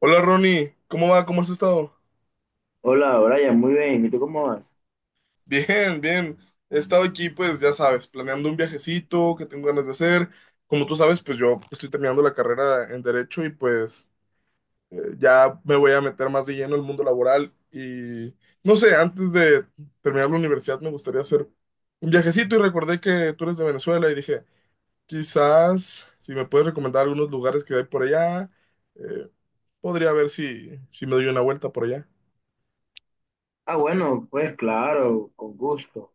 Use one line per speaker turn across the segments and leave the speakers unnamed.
Hola Ronnie, ¿cómo va? ¿Cómo has estado?
Hola, Brian, muy bien. ¿Y tú cómo vas?
Bien, bien. He estado aquí, pues ya sabes, planeando un viajecito que tengo ganas de hacer. Como tú sabes, pues yo estoy terminando la carrera en Derecho y pues ya me voy a meter más de lleno al mundo laboral. Y no sé, antes de terminar la universidad me gustaría hacer un viajecito y recordé que tú eres de Venezuela y dije, quizás si me puedes recomendar algunos lugares que hay por allá, eh, podría ver si me doy una vuelta por allá.
Ah, bueno, pues claro, con gusto.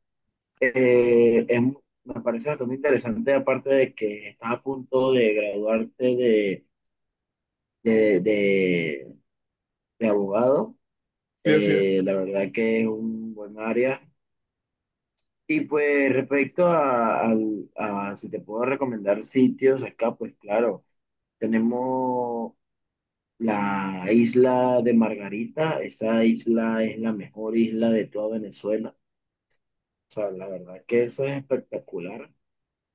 Me parece bastante interesante, aparte de que estás a punto de graduarte de, de- de abogado.
Sí, así es. ¿En
La verdad que es un buen área. Y pues respecto a si te puedo recomendar sitios acá, pues claro, tenemos la isla de Margarita. Esa isla es la mejor isla de toda Venezuela. O sea, la verdad que eso es espectacular.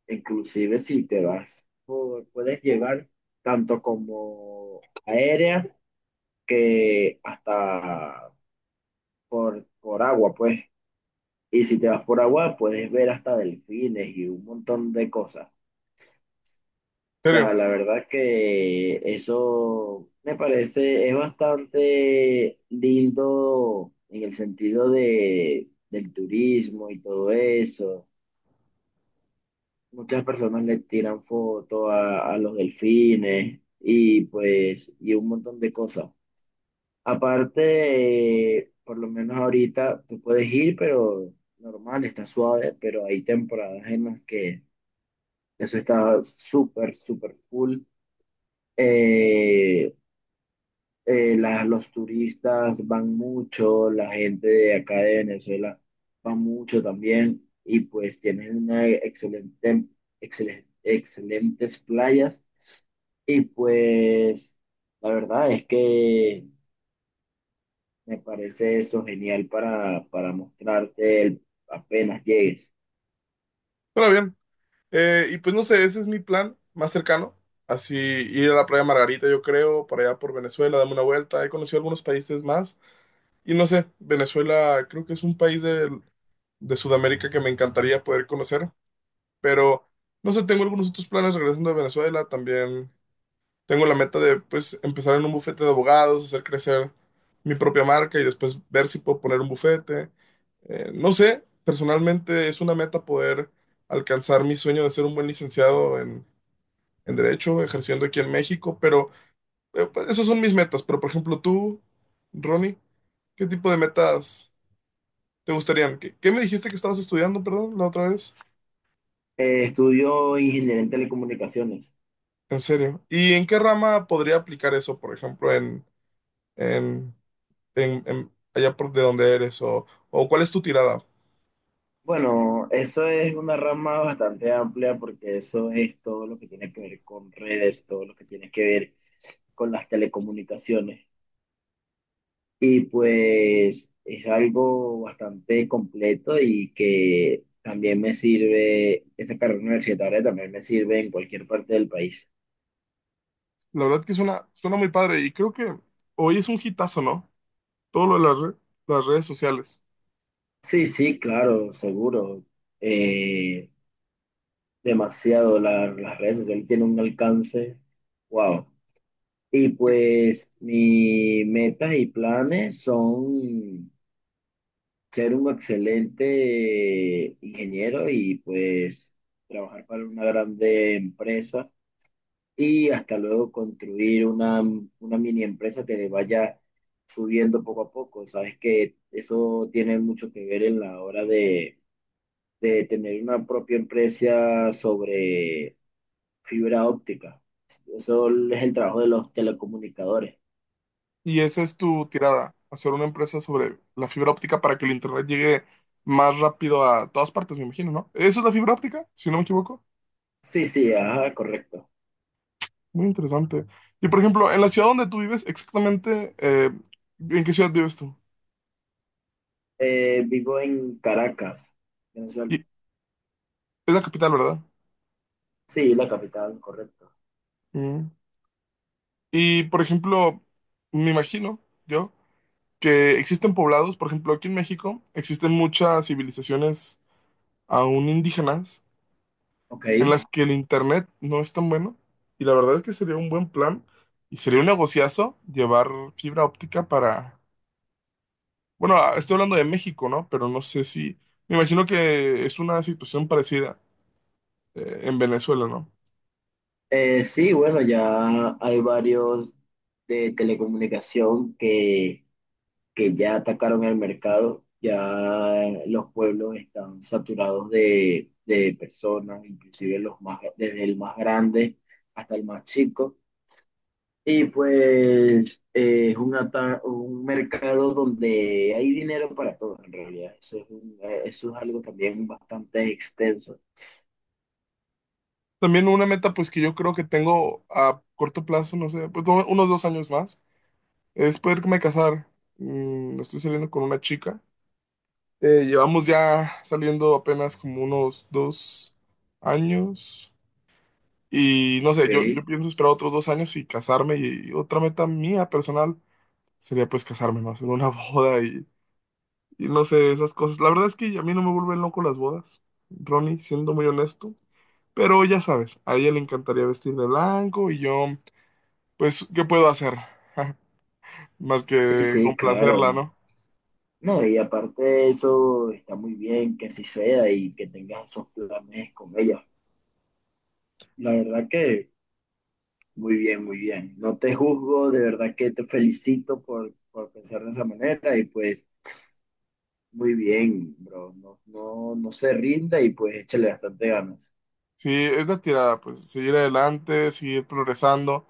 Inclusive si te vas, por puedes llegar tanto como aérea que hasta por agua, pues. Y si te vas por agua, puedes ver hasta delfines y un montón de cosas. O
serio?
sea, la verdad que eso me parece, es bastante lindo en el sentido del turismo y todo eso. Muchas personas le tiran fotos a los delfines y pues y un montón de cosas. Aparte, por lo menos ahorita tú puedes ir, pero normal, está suave, pero hay temporadas en las que eso está súper, súper full. Eh, los turistas van mucho, la gente de acá de Venezuela va mucho también y pues tienen una excelentes playas y pues la verdad es que me parece eso genial para mostrarte el- apenas llegues.
Pero bien. Y pues no sé, ese es mi plan más cercano. Así ir a la playa Margarita, yo creo, para allá por Venezuela, darme una vuelta. He conocido algunos países más. Y no sé, Venezuela creo que es un país de Sudamérica que me encantaría poder conocer. Pero no sé, tengo algunos otros planes regresando a Venezuela. También tengo la meta de pues empezar en un bufete de abogados, hacer crecer mi propia marca y después ver si puedo poner un bufete. No sé, personalmente es una meta poder alcanzar mi sueño de ser un buen licenciado en derecho, ejerciendo aquí en México, pero pues, esas son mis metas. Pero, por ejemplo, tú, Ronnie, ¿qué tipo de metas te gustarían? ¿Qué, qué me dijiste que estabas estudiando, perdón, la otra vez?
Estudio ingeniería en telecomunicaciones.
En serio. ¿Y en qué rama podría aplicar eso, por ejemplo, en, allá por de donde eres? ¿O, o cuál es tu tirada?
Bueno, eso es una rama bastante amplia porque eso es todo lo que tiene que ver con redes, todo lo que tiene que ver con las telecomunicaciones. Y pues es algo bastante completo y que también me sirve, esa carrera universitaria también me sirve en cualquier parte del país.
La verdad que suena, suena muy padre y creo que hoy es un hitazo, ¿no? Todo lo de las, las redes sociales.
Sí, sí, claro, seguro. Eh, Demasiado. Las redes sociales tienen un alcance, wow. Y pues mis metas y planes son ser un excelente ingeniero y pues trabajar para una grande empresa y hasta luego construir una mini empresa que vaya subiendo poco a poco. Sabes que eso tiene mucho que ver en la hora de tener una propia empresa sobre fibra óptica. Eso es el trabajo de los telecomunicadores.
¿Y esa es tu tirada, hacer una empresa sobre la fibra óptica para que el internet llegue más rápido a todas partes, me imagino, ¿no? ¿Eso es la fibra óptica, si no me equivoco?
Sí, sí, ajá, correcto.
Muy interesante. Y por ejemplo, en la ciudad donde tú vives, exactamente, ¿en qué ciudad vives tú?
Vivo en Caracas, Venezuela.
Y es la capital, ¿verdad?
Sí, la capital, correcto.
Mm. Y por ejemplo, me imagino yo que existen poblados, por ejemplo, aquí en México existen muchas civilizaciones aún indígenas
Ok.
en las que el internet no es tan bueno. Y la verdad es que sería un buen plan y sería un negociazo llevar fibra óptica para, bueno, ah, estoy hablando de México, ¿no? Pero no sé si, me imagino que es una situación parecida en Venezuela, ¿no?
Sí, bueno, ya hay varios de telecomunicación que ya atacaron el mercado. Ya los pueblos están saturados de personas, inclusive los más, desde el más grande hasta el más chico. Y pues es un, ata- un mercado donde hay dinero para todo en realidad. Eso es, un- eso es algo también bastante extenso.
También una meta pues que yo creo que tengo a corto plazo, no sé, pues no, unos dos años más, es poderme casar. Mm, estoy saliendo con una chica. Llevamos ya saliendo apenas como unos dos años. Y no sé,
Ok.
yo pienso esperar otros dos años y casarme. Y, otra meta mía personal sería pues casarme, ¿no? Hacer una boda y no sé, esas cosas. La verdad es que a mí no me vuelven loco las bodas, Ronnie, siendo muy honesto. Pero ya sabes, a ella le encantaría vestir de blanco y yo, pues, ¿qué puedo hacer? Más
Sí,
que
sí, claro.
complacerla, ¿no?
No, y aparte de eso, está muy bien que así sea y que tengas esos planes con ella. La verdad que muy bien, muy bien. No te juzgo, de verdad que te felicito por pensar de esa manera y pues muy bien, bro. No, no, no se rinda y pues échale bastante ganas.
Sí, es la tirada, pues, seguir adelante, seguir progresando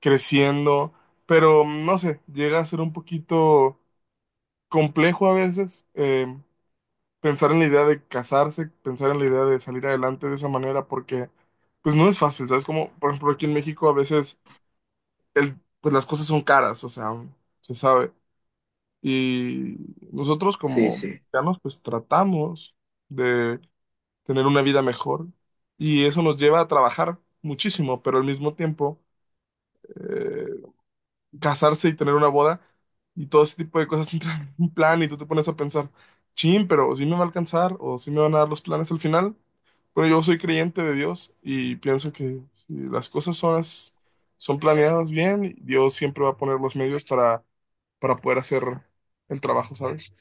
creciendo, pero no sé, llega a ser un poquito complejo a veces. Pensar en la idea de casarse, pensar en la idea de salir adelante de esa manera, porque pues no es fácil, ¿sabes? Como, por ejemplo, aquí en México a veces el, pues las cosas son caras, o sea, se sabe. Y nosotros
Sí,
como
sí.
mexicanos pues tratamos de tener una vida mejor y eso nos lleva a trabajar muchísimo, pero al mismo tiempo eh, casarse y tener una boda y todo ese tipo de cosas entran en un plan y tú te pones a pensar, chin, pero si me va a alcanzar o si me van a dar los planes al final. Bueno, yo soy creyente de Dios y pienso que si las cosas son, son planeadas bien, Dios siempre va a poner los medios para poder hacer el trabajo, ¿sabes?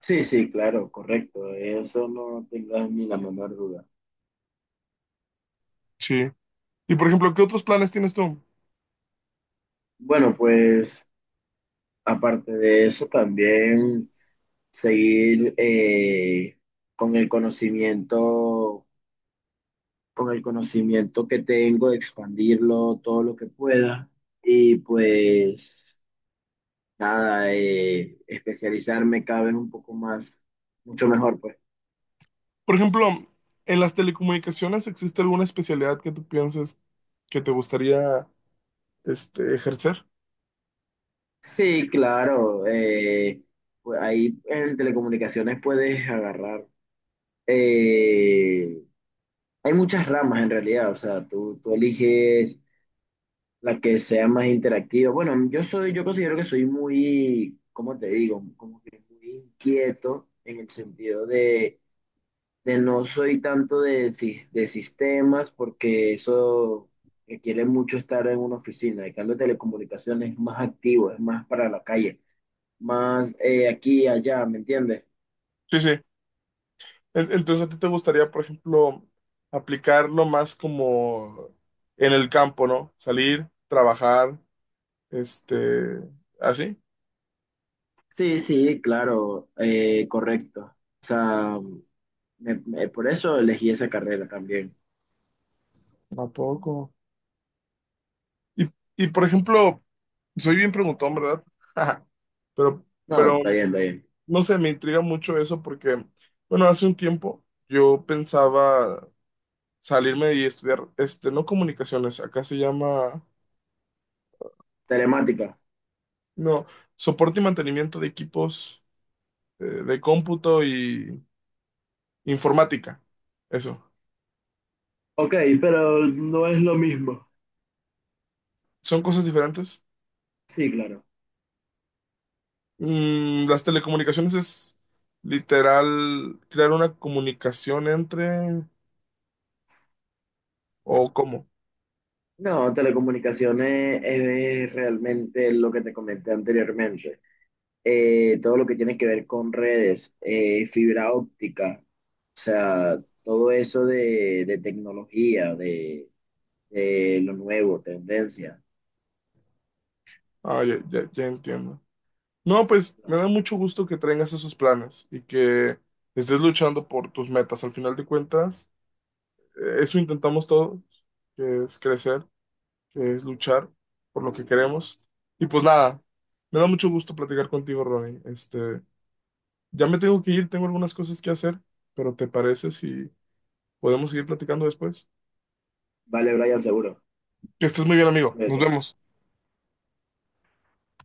Sí, sí, claro, correcto. Eso no tengas ni la menor duda.
Sí. Y por ejemplo, ¿qué otros planes tienes tú?
Bueno, pues aparte de eso, también seguir con el conocimiento, con el conocimiento que tengo, expandirlo todo lo que pueda. Y pues nada, especializarme cada vez un poco más, mucho mejor, pues.
Por ejemplo, en las telecomunicaciones, ¿existe alguna especialidad que tú pienses que te gustaría este, ejercer?
Sí, claro. Pues ahí en telecomunicaciones puedes agarrar. eh, Hay muchas ramas en realidad, o sea, tú eliges la que sea más interactiva. Bueno, yo soy, yo considero que soy muy, ¿cómo te digo? Como que muy inquieto en el sentido de no soy tanto de, sis- de sistemas porque eso requiere mucho estar en una oficina. En cambio, telecomunicaciones es más activo, es más para la calle, más aquí y allá, ¿me entiendes?
Sí, sí. Entonces, ¿a ti te gustaría, por ejemplo, aplicarlo más como en el campo, ¿no? Salir, trabajar. Este, así.
Sí, sí, claro, correcto. O sea, por eso elegí esa carrera también.
¿A poco? Y, y por ejemplo, soy bien preguntón, ¿verdad? Pero,
No,
pero,
está bien, está bien.
no sé, me intriga mucho eso porque, bueno, hace un tiempo yo pensaba salirme y estudiar, este, no comunicaciones, acá se llama,
Telemática.
no, soporte y mantenimiento de equipos de cómputo y informática. Eso.
Ok, pero no es lo mismo.
¿Son cosas diferentes?
Sí, claro.
Mm, las telecomunicaciones es literal crear una comunicación entre o cómo.
No, telecomunicaciones es, realmente lo que te comenté anteriormente. Todo lo que tiene que ver con redes, fibra óptica, o sea, todo eso de tecnología, de lo nuevo, tendencia.
Ah, ya, ya, ya entiendo. No, pues me
Claro.
da mucho gusto que traigas esos planes y que estés luchando por tus metas. Al final de cuentas, eso intentamos todos, que es crecer, que es luchar por lo que queremos. Y pues nada, me da mucho gusto platicar contigo, Ronnie. Este, ya me tengo que ir, tengo algunas cosas que hacer, pero ¿te parece si podemos seguir platicando después?
Vale, Brian, seguro.
Que estés muy bien, amigo. Nos
Cuídate.
vemos.